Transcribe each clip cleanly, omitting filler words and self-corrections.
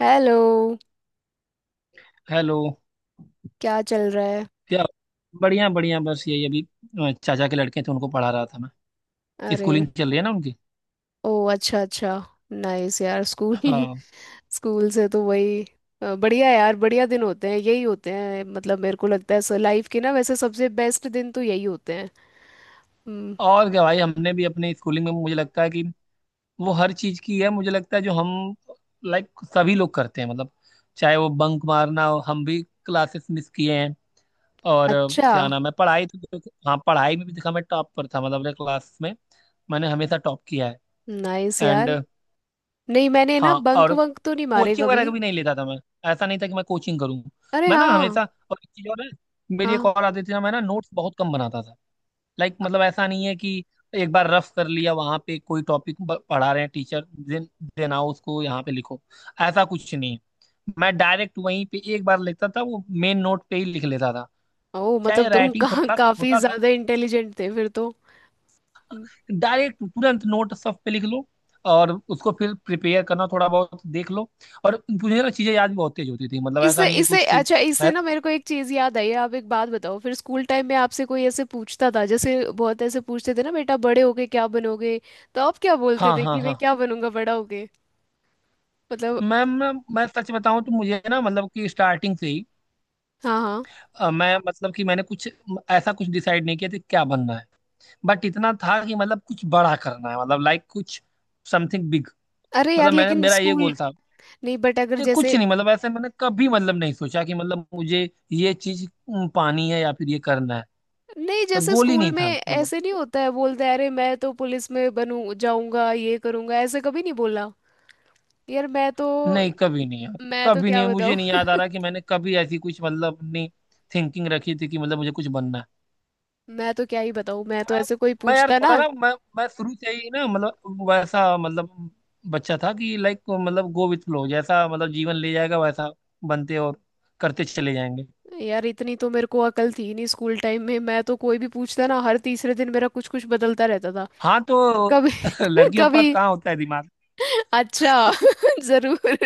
Hello. Hello. क्या चल रहा है? क्या। बढ़िया बढ़िया, बस यही अभी। चाचा के लड़के थे, उनको पढ़ा रहा था मैं। अरे। स्कूलिंग चल रही है ना उनकी। ओ, अच्छा अच्छा। नाइस यार, स्कूल हाँ। स्कूल से तो वही। बढ़िया यार, बढ़िया दिन होते हैं, यही होते हैं, मतलब मेरे को लगता है सर लाइफ के, ना वैसे सबसे बेस्ट दिन तो यही होते हैं। हम्म। और क्या भाई, हमने भी अपने स्कूलिंग में मुझे लगता है कि वो हर चीज़ की है, मुझे लगता है जो हम लाइक सभी लोग करते हैं मतलब, चाहे वो बंक मारना हो, हम भी क्लासेस मिस किए हैं। और अच्छा। क्या नाम है, पढ़ाई तो। हाँ, पढ़ाई में भी देखा, मैं टॉप पर था मतलब अपने क्लास में। मैंने हमेशा टॉप किया है। Nice and. यार। नहीं, मैंने ना हाँ बंक और वंक तो नहीं मारे कोचिंग वगैरह कभी। कभी नहीं लेता था मैं। ऐसा नहीं था कि मैं कोचिंग करूँ। अरे मैं ना हाँ, हमेशा। और एक चीज और है। मेरी एक हाँ। और आदत थी ना, मैं ना नोट्स बहुत कम बनाता था। लाइक मतलब ऐसा नहीं है कि एक बार रफ कर लिया वहां पे कोई टॉपिक, पढ़ा रहे हैं टीचर, देन देन आओ उसको यहाँ पे लिखो। ऐसा कुछ नहीं है। मैं डायरेक्ट वहीं पे एक बार लिखता था, वो मेन नोट पे ही लिख लेता था। ओ, मतलब चाहे तुम राइटिंग थोड़ा सा काफी होता था। ज्यादा इंटेलिजेंट थे फिर तो। डायरेक्ट तुरंत नोट सब पे लिख लो, और उसको फिर प्रिपेयर करना थोड़ा बहुत देख लो। और मुझे ना चीजें याद भी बहुत तेज होती थी, मतलब ऐसा इससे नहीं है इससे कुछ कि। अच्छा, इससे मैं। ना मेरे को एक चीज याद आई है। आप एक बात बताओ, फिर स्कूल टाइम में आपसे कोई ऐसे पूछता था, जैसे बहुत ऐसे पूछते थे ना, बेटा बड़े होके क्या बनोगे? तो आप क्या बोलते हाँ थे हाँ कि मैं हाँ। क्या बनूंगा बड़ा होके? मतलब। मैम, मैं सच बताऊं तो मुझे ना मतलब कि स्टार्टिंग से ही हाँ हाँ। मैं मतलब कि मैंने कुछ, ऐसा कुछ डिसाइड नहीं किया था कि क्या बनना है। बट इतना था कि मतलब कुछ बड़ा करना है, मतलब लाइक कुछ, समथिंग बिग। अरे यार, मतलब मैंने लेकिन मेरा ये स्कूल। गोल था। नहीं बट अगर ये जैसे। कुछ नहीं, मतलब ऐसे मैंने कभी मतलब नहीं सोचा कि मतलब मुझे ये चीज पानी है या फिर ये करना है। नहीं, तो जैसे गोल ही स्कूल नहीं में था मतलब। ऐसे नहीं होता है, बोलते हैं अरे मैं तो पुलिस में बनू जाऊंगा, ये करूंगा, ऐसे कभी नहीं बोला। यार मैं तो, नहीं, कभी नहीं यार। कभी क्या नहीं, मुझे बताऊँ। नहीं याद आ रहा कि मैंने कभी ऐसी कुछ मतलब अपनी थिंकिंग रखी थी कि मतलब मुझे कुछ बनना है। मैं तो क्या ही बताऊँ, मैं तो मैं ऐसे कोई मैं यार पूछता थोड़ा ना। ना, मैं शुरू से ही ना मतलब वैसा मतलब बच्चा था कि लाइक मतलब गो विथ फ्लो जैसा, मतलब जीवन ले जाएगा वैसा बनते और करते चले जाएंगे। यार, इतनी तो मेरे को अकल थी नहीं स्कूल टाइम में। मैं तो कोई भी पूछता ना, हर तीसरे दिन मेरा कुछ कुछ बदलता रहता था। हाँ तो कभी लड़कियों के पास कभी। कहाँ होता है दिमाग। अच्छा जरूर।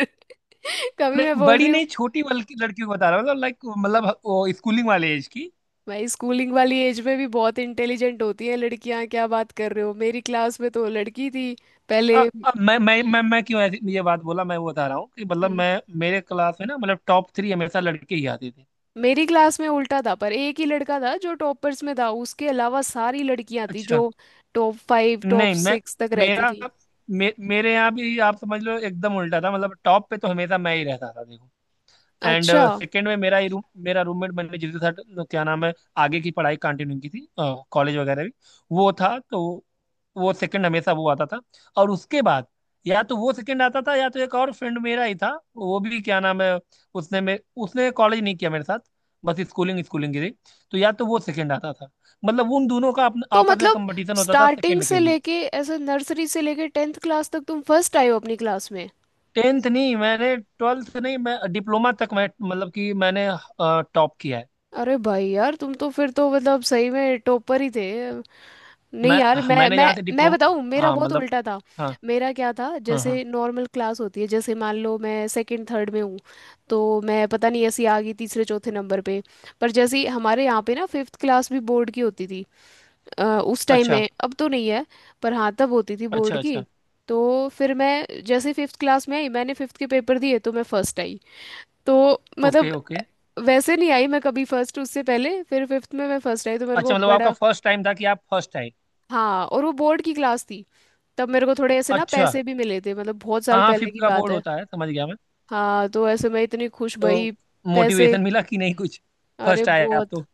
कभी, मैं नहीं बोल बड़ी रही हूँ। नहीं, छोटी, बल्कि लड़कियों को बता रहा हूँ, मतलब लाइक मतलब वो स्कूलिंग वाले एज की। भाई, स्कूलिंग वाली एज में भी बहुत इंटेलिजेंट होती हैं लड़कियां, क्या बात कर रहे हो? मेरी क्लास में तो लड़की थी पहले। मैं क्यों ऐसी ये बात बोला, मैं वो बता रहा हूँ कि मतलब हम्म, मैं मेरे क्लास में ना मतलब टॉप थ्री हमेशा लड़के ही आते थे। मेरी क्लास में उल्टा था, पर एक ही लड़का था जो टॉपर्स में था, उसके अलावा सारी लड़कियां थी जो अच्छा। टॉप फाइव टॉप नहीं मैं, सिक्स तक रहती मेरा, थी। मेरे यहाँ भी आप समझ लो एकदम उल्टा था, मतलब टॉप पे तो हमेशा मैं ही रहता था देखो। एंड अच्छा। सेकेंड में मेरा ही रूम, मेरा रूममेट, मैंने जिसके साथ तो क्या नाम है आगे की पढ़ाई कंटिन्यू की थी, कॉलेज वगैरह भी, वो था। तो वो सेकंड हमेशा वो आता था। और उसके बाद या तो वो सेकंड आता था या तो एक और फ्रेंड मेरा ही था, वो भी क्या नाम है, उसने में उसने कॉलेज नहीं किया मेरे साथ, बस स्कूलिंग स्कूलिंग की थी। तो या तो वो सेकंड आता था, मतलब उन दोनों का तो आपस में मतलब कंपटीशन होता था स्टार्टिंग सेकंड से के लिए। लेके ऐसे, नर्सरी से लेके टेंथ क्लास तक तुम फर्स्ट आए हो अपनी क्लास में? 10th नहीं, मैंने 12th नहीं, मैं डिप्लोमा तक मैं मतलब कि मैंने टॉप किया है। अरे भाई यार, तुम तो फिर तो मतलब सही में टॉपर ही थे। नहीं मैं यार, हाँ, मैं मैंने मैं यहाँ से मैं डिप्लोमा। बताऊं, मेरा हाँ बहुत मतलब, उल्टा था। हाँ मेरा क्या था, हाँ हाँ। जैसे नॉर्मल क्लास होती है, जैसे मान लो मैं सेकंड थर्ड में हूँ, तो मैं पता नहीं ऐसी आ गई तीसरे चौथे नंबर पे। पर जैसे ही हमारे यहाँ पे ना फिफ्थ क्लास भी बोर्ड की होती थी। उस टाइम अच्छा में, अब तो नहीं है, पर हाँ तब होती थी बोर्ड अच्छा की। अच्छा। तो फिर मैं जैसे फिफ्थ क्लास में आई, मैंने फिफ्थ के पेपर दिए तो मैं फर्स्ट आई। तो ओके मतलब ओके। वैसे नहीं आई मैं कभी फर्स्ट उससे पहले, फिर फिफ्थ में मैं फर्स्ट आई तो मेरे अच्छा को मतलब आपका बड़ा। फर्स्ट टाइम था कि आप फर्स्ट आए। हाँ, और वो बोर्ड की क्लास थी। तब मेरे को थोड़े ऐसे ना अच्छा। पैसे भी मिले थे, मतलब बहुत साल हाँ हाँ, पहले फिफ्थ की का बात बोर्ड है। होता है, समझ गया मैं। हाँ, तो ऐसे मैं इतनी खुश तो भाई। पैसे। मोटिवेशन मिला कि नहीं कुछ, अरे फर्स्ट आए आप बहुत। तो।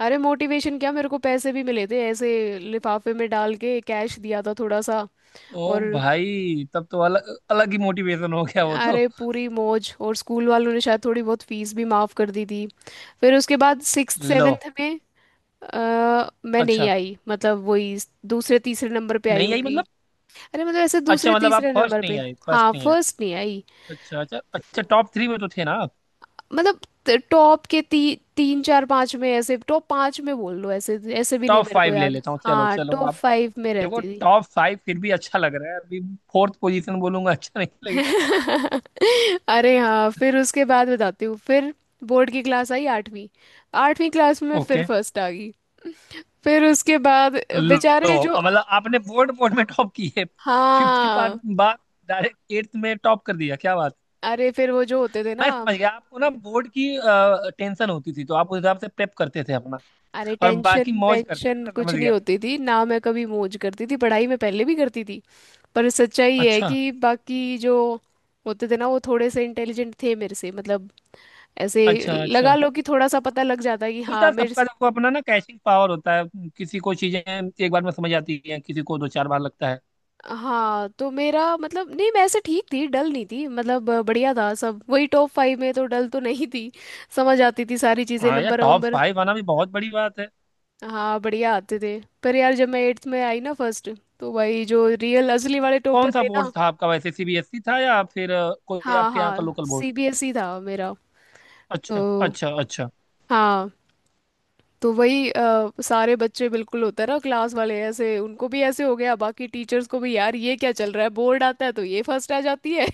अरे मोटिवेशन क्या, मेरे को पैसे भी मिले थे ऐसे, लिफाफे में डाल के कैश दिया था थोड़ा सा। ओ और भाई, तब तो अलग अलग ही मोटिवेशन हो गया वो तो। अरे, पूरी मौज, और स्कूल वालों ने शायद थोड़ी बहुत फीस भी माफ कर दी थी। फिर उसके बाद सिक्स लो। सेवेंथ में मैं नहीं अच्छा, आई, मतलब वही दूसरे तीसरे नंबर पे आई नहीं आई होंगी। मतलब, अरे मतलब ऐसे अच्छा दूसरे मतलब आप तीसरे फर्स्ट नंबर नहीं पे। आए, फर्स्ट हाँ, नहीं आए। फर्स्ट नहीं आई। अच्छा अच्छा अच्छा, टॉप थ्री में तो थे ना आप। मतलब टॉप के तीन चार पाँच में, ऐसे टॉप पाँच में बोल लो, ऐसे ऐसे भी नहीं टॉप मेरे को फाइव ले याद। लेता हूँ, चलो हाँ, चलो टॉप आप। फाइव में देखो, रहती। टॉप फाइव फिर भी अच्छा लग रहा है अभी। फोर्थ पोजीशन बोलूंगा, अच्छा नहीं लगेगा। अरे हाँ, फिर उसके बाद बताती हूँ। फिर बोर्ड की क्लास आई आठवीं। आठवीं क्लास में मैं फिर ओके। फर्स्ट आ गई। फिर उसके बाद लो। बेचारे जो, अब मतलब आपने बोर्ड बोर्ड में टॉप की है, फिफ्थ के हाँ। बाद बाद डायरेक्ट एट्थ में टॉप कर दिया, क्या बात है। अरे, फिर वो जो होते थे मैं ना, समझ गया, आपको ना बोर्ड की टेंशन होती थी तो आप उस हिसाब से प्रेप करते थे अपना, अरे और बाकी टेंशन मौज करते थे, वेंशन मैं कुछ समझ नहीं गया। होती थी ना, मैं कभी मौज करती थी पढ़ाई में, पहले भी करती थी। पर सच्चाई ये है अच्छा कि बाकी जो होते थे ना वो थोड़े से इंटेलिजेंट थे मेरे से, मतलब ऐसे अच्छा लगा अच्छा, लो कि थोड़ा सा पता लग जाता है कि होता हाँ है मेरे। सबका, देखो अपना ना कैचिंग पावर होता है, किसी को चीजें एक बार में समझ आती है, किसी को दो चार बार लगता है। हाँ, तो मेरा मतलब नहीं, मैं ऐसे ठीक थी, डल नहीं थी मतलब, बढ़िया था सब, वही टॉप फाइव में तो, डल तो नहीं थी। समझ आती थी सारी चीज़ें, हाँ यार, नंबर टॉप वंबर फाइव आना भी बहुत बड़ी बात है। हाँ बढ़िया आते थे। पर यार जब मैं एट्थ में आई ना फर्स्ट, तो भाई जो रियल असली वाले टॉपर कौन सा थे बोर्ड ना। था आपका वैसे, सीबीएसई था या फिर कोई हाँ आपके यहाँ का हाँ, लोकल बोर्ड। सीबीएसई था मेरा। तो अच्छा अच्छा अच्छा, हाँ, तो वही सारे बच्चे, बिल्कुल होता है ना, क्लास वाले ऐसे उनको भी ऐसे हो गया, बाकी टीचर्स को भी, यार ये क्या चल रहा है, बोर्ड आता है तो ये फर्स्ट आ जाती है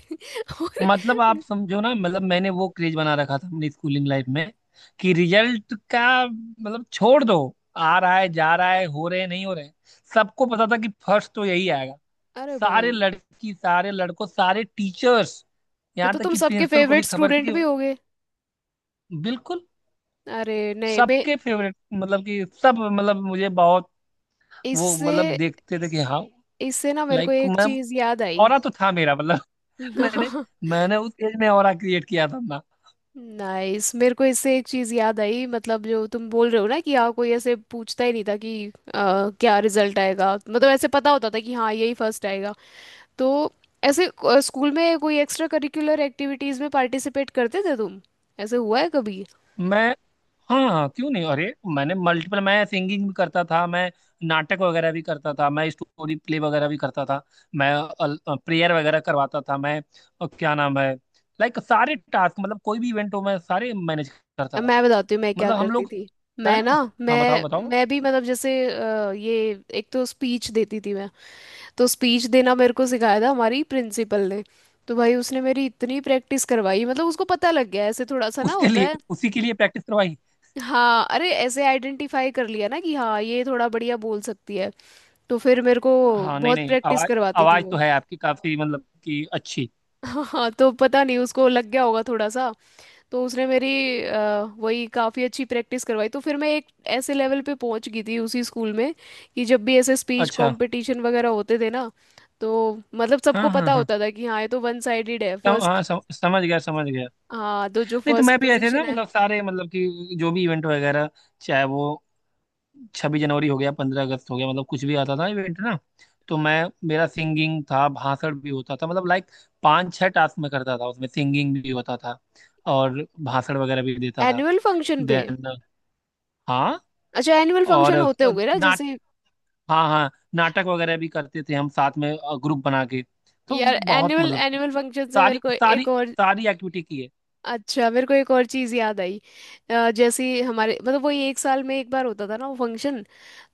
और मतलब आप समझो ना, मतलब मैंने वो क्रेज बना रखा था अपनी स्कूलिंग लाइफ में कि रिजल्ट का मतलब छोड़ दो, आ रहा है जा रहा है, हो रहे हैं, नहीं हो रहे हैं। सबको पता था कि फर्स्ट तो यही आएगा, अरे सारे भाई, लड़की सारे लड़कों सारे टीचर्स, ये यहाँ तो तक तुम कि सबके प्रिंसिपल को भी फेवरेट खबर थी स्टूडेंट कि। भी होगे। बिल्कुल, अरे नहीं, मैं। सबके फेवरेट मतलब कि सब, मतलब मुझे बहुत वो, इससे मतलब देखते थे कि हाँ इससे ना मेरे को लाइक एक मैं, चीज याद आई। ऑरा तो था मेरा मतलब। मैंने, मैंने उस एज में ऑरा क्रिएट किया था अपना। नाइस, मेरे को इससे एक चीज याद आई, मतलब जो तुम बोल रहे हो ना कि यहाँ कोई ऐसे पूछता ही नहीं था कि क्या रिजल्ट आएगा, मतलब ऐसे पता होता था कि हाँ यही फर्स्ट आएगा। तो ऐसे, स्कूल में कोई एक्स्ट्रा करिकुलर एक्टिविटीज में पार्टिसिपेट करते थे तुम, ऐसे हुआ है कभी? मैं, हाँ क्यों नहीं, अरे मैंने मल्टीपल, मैं सिंगिंग भी करता था, मैं नाटक वगैरह भी करता था, मैं स्टोरी प्ले वगैरह भी करता था, मैं प्रेयर वगैरह करवाता था, मैं क्या नाम है, लाइक सारे टास्क, मतलब कोई भी इवेंट हो मैं सारे मैनेज करता अब था, मैं बताती हूँ मैं क्या मतलब हम करती लोग, थी। मैं मैं ना, ना। हाँ बताओ मैं बताओ। मैं भी मतलब, जैसे ये एक तो स्पीच देती थी मैं। तो स्पीच देना मेरे को सिखाया था हमारी प्रिंसिपल ने। तो भाई उसने मेरी इतनी प्रैक्टिस करवाई, मतलब उसको पता लग गया ऐसे थोड़ा सा ना उसके होता लिए है। उसी के लिए प्रैक्टिस करवाई। हाँ। अरे, ऐसे आइडेंटिफाई कर लिया ना कि हाँ ये थोड़ा बढ़िया बोल सकती है। तो फिर मेरे को हाँ नहीं बहुत नहीं, प्रैक्टिस आवाज, करवाती थी आवाज तो वो। है आपकी काफी, मतलब कि अच्छी। हाँ, तो पता नहीं उसको लग गया होगा थोड़ा सा। तो उसने मेरी वही काफ़ी अच्छी प्रैक्टिस करवाई, तो फिर मैं एक ऐसे लेवल पे पहुंच गई थी उसी स्कूल में कि जब भी ऐसे स्पीच अच्छा, कंपटीशन वगैरह होते थे ना, तो मतलब सबको हाँ हाँ पता हाँ, होता था कि हाँ ये तो वन साइडेड है, फर्स्ट। समझ गया, समझ गया। हाँ, तो जो नहीं तो फर्स्ट मैं भी ऐसे ना, पोजीशन है, मतलब सारे, मतलब कि जो भी इवेंट वगैरह, चाहे वो 26 जनवरी हो गया, 15 अगस्त हो गया, मतलब कुछ भी आता था इवेंट ना, तो मैं, मेरा सिंगिंग था, भाषण भी होता था, मतलब लाइक पांच छह टास्क मैं करता था, उसमें सिंगिंग भी होता था और भाषण वगैरह भी देता था। एनुअल फंक्शन पे। देन, हाँ। अच्छा, एनुअल और फंक्शन होते होंगे ना नाट जैसे। हाँ हाँ, नाटक वगैरह भी करते थे हम साथ में, ग्रुप बना के। तो यार बहुत एनुअल, मतलब कि एनुअल फंक्शन से मेरे सारी को सारी एक और, सारी एक्टिविटी की है। अच्छा मेरे को एक और चीज़ याद आई। जैसे हमारे, मतलब वही एक साल में एक बार होता था ना वो फंक्शन।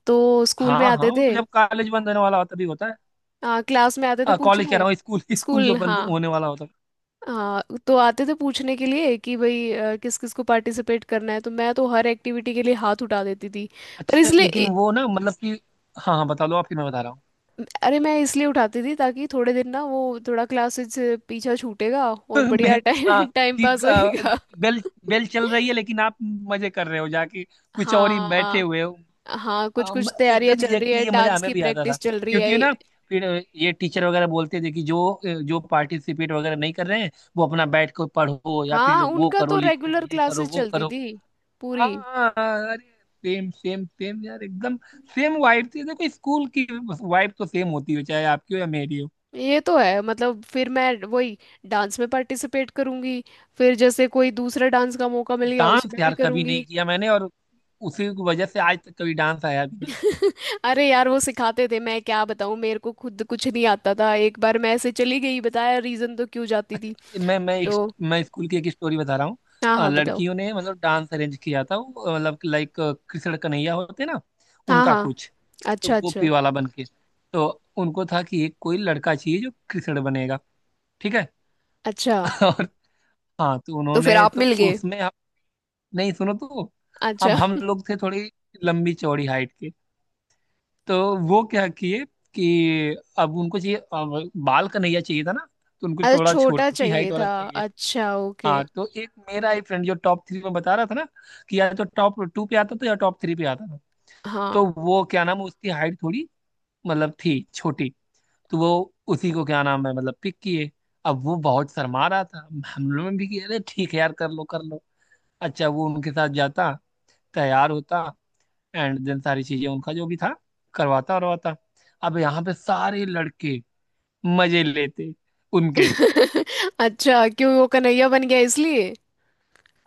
तो स्कूल में हाँ हाँ, आते वो थे, तो जब कॉलेज बंद होने वाला होता तभी होता क्लास में आते थे है, कॉलेज कह पूछने। रहा हूँ स्कूल, स्कूल स्कूल, जो बंद हाँ। होने वाला होता है। हाँ, तो आते थे पूछने के लिए कि भाई किस किस को पार्टिसिपेट करना है, तो मैं तो हर एक्टिविटी के लिए हाथ उठा देती थी। पर अच्छा, इसलिए लेकिन वो ना मतलब कि, हाँ हाँ बता लो आप, फिर मैं बता रहा हूँ। अरे, मैं इसलिए उठाती थी ताकि थोड़े दिन ना वो थोड़ा क्लासेस से पीछा छूटेगा और मैं, बढ़िया हाँ, टाइम टाइम कि पास होएगा। बेल, बेल चल रही है लेकिन आप मजे कर रहे हो जाके, कुछ और ही बैठे हाँ हुए हो। हाँ, कुछ कुछ तैयारियां एकदम चल रही एग्जैक्टली, है, ये मजा डांस हमें की भी आता था प्रैक्टिस चल रही है। क्योंकि ना फिर ये टीचर वगैरह बोलते थे कि जो जो पार्टिसिपेट वगैरह नहीं कर रहे हैं, वो अपना बैठ कर पढ़ो या फिर हाँ, वो उनका करो, तो लिखो, रेगुलर ये करो क्लासेस वो चलती करो। थी पूरी। हाँ हाँ, हाँ, अरे, सेम सेम सेम यार, एकदम सेम वाइब थी देखो स्कूल की, वाइब तो सेम होती है चाहे आपकी हो या मेरी हो। ये तो है, मतलब फिर मैं वही डांस में पार्टिसिपेट करूंगी, फिर जैसे कोई दूसरा डांस का मौका मिल गया डांस उसमें भी यार कभी करूंगी। नहीं किया मैंने, और उसी की वजह से आज तक कभी डांस आया भी नहीं। अरे यार, वो सिखाते थे, मैं क्या बताऊँ, मेरे को खुद कुछ नहीं आता था, एक बार मैं ऐसे चली गई, बताया रीजन तो क्यों जाती थी। अच्छा, मैं मैं तो इस- मैं स्कूल की एक स्टोरी बता रहा हूँ। हाँ हाँ, बताओ। लड़कियों ने मतलब डांस अरेंज किया था वो, मतलब लाइक कृष्ण कन्हैया होते ना, हाँ उनका हाँ। कुछ, तो अच्छा अच्छा गोपी वाला बन के, तो उनको था कि एक कोई लड़का चाहिए जो कृष्ण बनेगा। ठीक है। अच्छा। और हाँ तो तो फिर उन्होंने आप तो मिल गए? उसमें, नहीं सुनो तो, अब अच्छा। हम लोग थे थोड़ी लंबी चौड़ी हाइट के, तो वो क्या किए कि अब उनको चाहिए, अब बाल कन्हैया चाहिए था ना, तो उनको अरे थोड़ा छोटा छोटी चाहिए हाइट वाला था। चाहिए। अच्छा ओके। हाँ तो एक मेरा ही फ्रेंड जो टॉप थ्री में बता रहा था ना, कि या तो टॉप टू पे आता था या टॉप थ्री पे आता था, हाँ। तो वो क्या नाम है, उसकी हाइट थोड़ी, मतलब थी छोटी, तो वो उसी को क्या नाम है, मतलब पिक किए। अब वो बहुत शर्मा रहा था, हम लोगों ने भी किया अरे ठीक है यार, कर लो कर लो। अच्छा, वो उनके साथ जाता, तैयार होता, एंड देन सारी चीजें उनका जो भी था करवाता करवाता। अब यहाँ पे सारे लड़के मजे लेते उनके। अच्छा, क्यों वो कन्हैया बन गया इसलिए,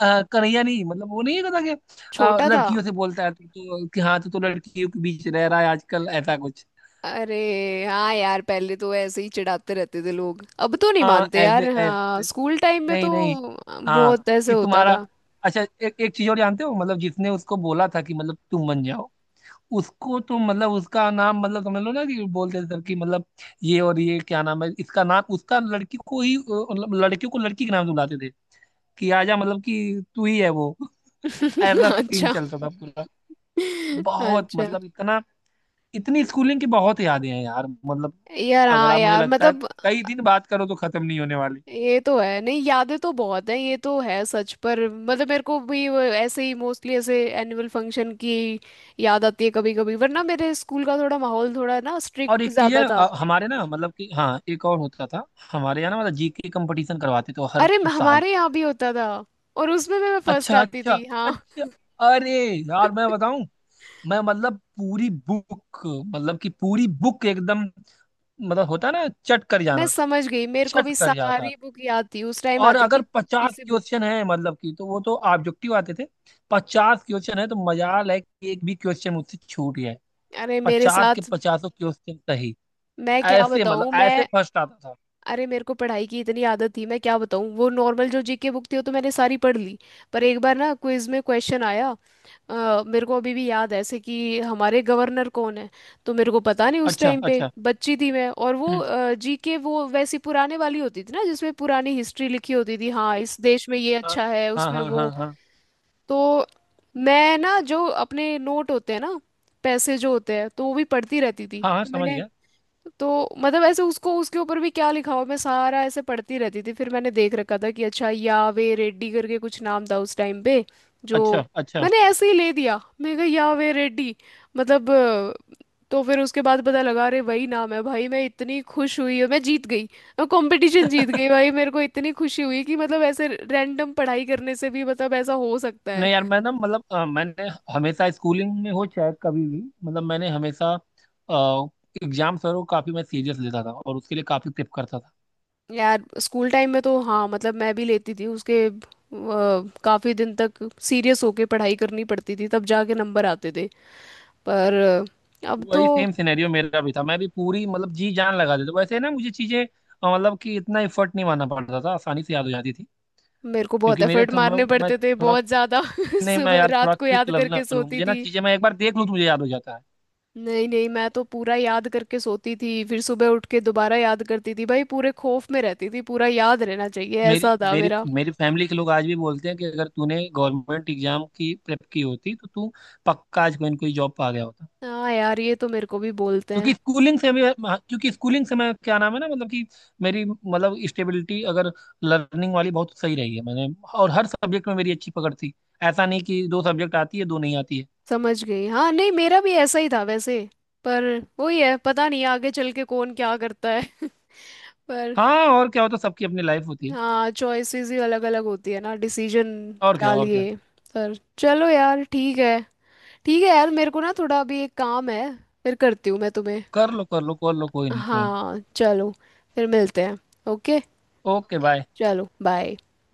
कन्हैया नहीं, मतलब वो नहीं कहता कि छोटा था? लड़कियों से बोलता है तू तो, कि हाँ तू तो लड़कियों के बीच रह रहा है आजकल, ऐसा कुछ। अरे हाँ यार, पहले तो ऐसे ही चिढ़ाते रहते थे लोग, अब तो नहीं हाँ मानते ऐसे यार, हाँ ऐसे, स्कूल टाइम में नहीं तो नहीं, हाँ, बहुत ऐसे कि होता तुम्हारा, था। अच्छा एक एक चीज और जानते हो, मतलब जिसने उसको बोला था कि मतलब तुम बन जाओ, उसको तो मतलब उसका नाम, मतलब समझ लो ना कि बोलते थे सर कि मतलब ये, और ये क्या नाम है, इसका नाम उसका लड़की को ही, मतलब लड़कियों को लड़की के नाम से बुलाते थे कि आजा मतलब कि तू ही है वो। ऐसा सीन अच्छा चलता था पूरा, बहुत अच्छा। मतलब इतना, इतनी स्कूलिंग की बहुत यादें हैं यार मतलब, यार अगर हाँ आप मुझे यार, लगता है मतलब कई दिन बात करो तो खत्म नहीं होने वाली। ये तो है, नहीं यादें तो बहुत हैं, ये तो है सच। पर मतलब मेरे को भी वो ऐसे ही मोस्टली ऐसे एनुअल फंक्शन की याद आती है कभी कभी, वरना मेरे स्कूल का थोड़ा माहौल थोड़ा ना और स्ट्रिक्ट एक चीज है, ज्यादा था। हमारे ना मतलब कि हाँ एक और होता था, हमारे यहाँ ना मतलब जीके कंपटीशन करवाते थे हर अरे साल। हमारे यहाँ भी होता था, और उसमें भी मैं फर्स्ट अच्छा आती अच्छा थी हाँ। अच्छा, अरे यार मैं बताऊं, मैं मतलब पूरी बुक, मतलब कि पूरी बुक एकदम, मतलब होता है ना चट कर मैं जाना, समझ गई, मेरे को चट भी कर जाता था। सारी बुक याद थी उस टाइम, और आती थी अगर छोटी 50 सी बुक। क्वेश्चन है मतलब कि, तो वो तो ऑब्जेक्टिव आते थे, 50 क्वेश्चन है तो मजाल है कि एक भी क्वेश्चन मुझसे छूट गया है। अरे मेरे 50 के साथ, पचासों क्वेश्चन सही, मैं क्या ऐसे मतलब बताऊं। ऐसे मैं, फर्स्ट आता था। अरे मेरे को पढ़ाई की इतनी आदत थी, मैं क्या बताऊं, वो नॉर्मल जो जीके बुक थी वो तो मैंने सारी पढ़ ली। पर एक बार ना क्विज में क्वेश्चन आया, मेरे को अभी भी याद है ऐसे कि हमारे गवर्नर कौन है। तो मेरे को पता नहीं, उस अच्छा टाइम पे अच्छा, बच्ची थी मैं, और हम्म, वो जीके वो वैसी पुराने वाली होती थी ना, जिसमें पुरानी हिस्ट्री लिखी होती थी, हाँ इस देश में ये हाँ अच्छा है, हाँ उसमें हाँ हाँ वो, हाँ तो मैं ना जो अपने नोट होते हैं ना, पैसे जो होते हैं, तो वो भी पढ़ती रहती थी, हाँ हाँ, तो समझ मैंने, गया, तो मतलब ऐसे उसको, उसके ऊपर भी क्या लिखा हुआ मैं सारा ऐसे पढ़ती रहती थी। फिर मैंने देख रखा था कि अच्छा यावे रेड्डी करके कुछ नाम था उस टाइम पे जो, अच्छा अच्छा। मैंने ऐसे ही ले दिया, मैं कहा यावे रेड्डी, मतलब तो फिर उसके बाद पता लगा अरे वही नाम है भाई, मैं इतनी खुश हुई और मैं जीत गई। मैं कंपटीशन जीत गई भाई, मेरे को इतनी खुशी हुई कि मतलब ऐसे रैंडम पढ़ाई करने से भी मतलब ऐसा हो सकता है। नहीं यार, मैं ना मतलब मैंने हमेशा स्कूलिंग में हो चाहे कभी भी, मतलब मैंने हमेशा एग्जाम सर को काफी मैं सीरियस लेता था और उसके लिए काफी प्रेप करता था। यार, स्कूल टाइम में तो हाँ, मतलब मैं भी लेती थी उसके, काफी दिन तक सीरियस होके पढ़ाई करनी पड़ती थी तब जाके नंबर आते थे। पर अब तो, वही सेम सिनेरियो मेरा भी था, मैं भी पूरी मतलब जी जान लगा देता, वैसे ना मुझे चीजें मतलब कि इतना एफर्ट नहीं मानना पड़ता था, आसानी से याद हो जाती थी। मेरे को बहुत क्योंकि मेरे एफर्ट तो मैं, मारने मैं पड़ते थे, थोड़ा, बहुत ज्यादा नहीं मैं सुबह यार रात थोड़ा को क्विक याद करके लर्नर हूँ, सोती मुझे ना थी। चीजें मैं एक बार देख लूँ तो मुझे याद हो जाता है। नहीं नहीं, मैं तो पूरा याद करके सोती थी, फिर सुबह उठ के दोबारा याद करती थी, भाई पूरे खौफ में रहती थी, पूरा याद रहना चाहिए मेरी ऐसा था मेरी मेरा। मेरी फैमिली के लोग आज भी बोलते हैं कि अगर तूने गवर्नमेंट एग्जाम की प्रेप की होती तो तू पक्का आज कोई ना कोई जॉब पा गया होता। हाँ यार, ये तो मेरे को भी बोलते क्योंकि हैं। स्कूलिंग से मैं क्योंकि स्कूलिंग से मैं क्या नाम है ना मतलब कि मेरी मतलब स्टेबिलिटी अगर लर्निंग वाली बहुत सही रही है मैंने, और हर सब्जेक्ट में मेरी अच्छी पकड़ थी, ऐसा नहीं कि दो सब्जेक्ट आती है दो नहीं आती है। समझ गई। हाँ, नहीं मेरा भी ऐसा ही था वैसे। पर वही है, पता नहीं आगे चल के कौन क्या करता है पर हाँ और क्या होता है, सबकी अपनी लाइफ होती है। हाँ, चॉइसेस ही अलग अलग होती है ना, डिसीजन और क्या क्या और क्या। लिए। पर चलो यार, ठीक है। ठीक है यार, मेरे को ना थोड़ा अभी एक काम है, फिर करती हूँ मैं तुम्हें। कर लो कर लो कर लो, कोई नहीं कोई नहीं। हाँ चलो, फिर मिलते हैं। ओके। Okay bye. चलो बाय।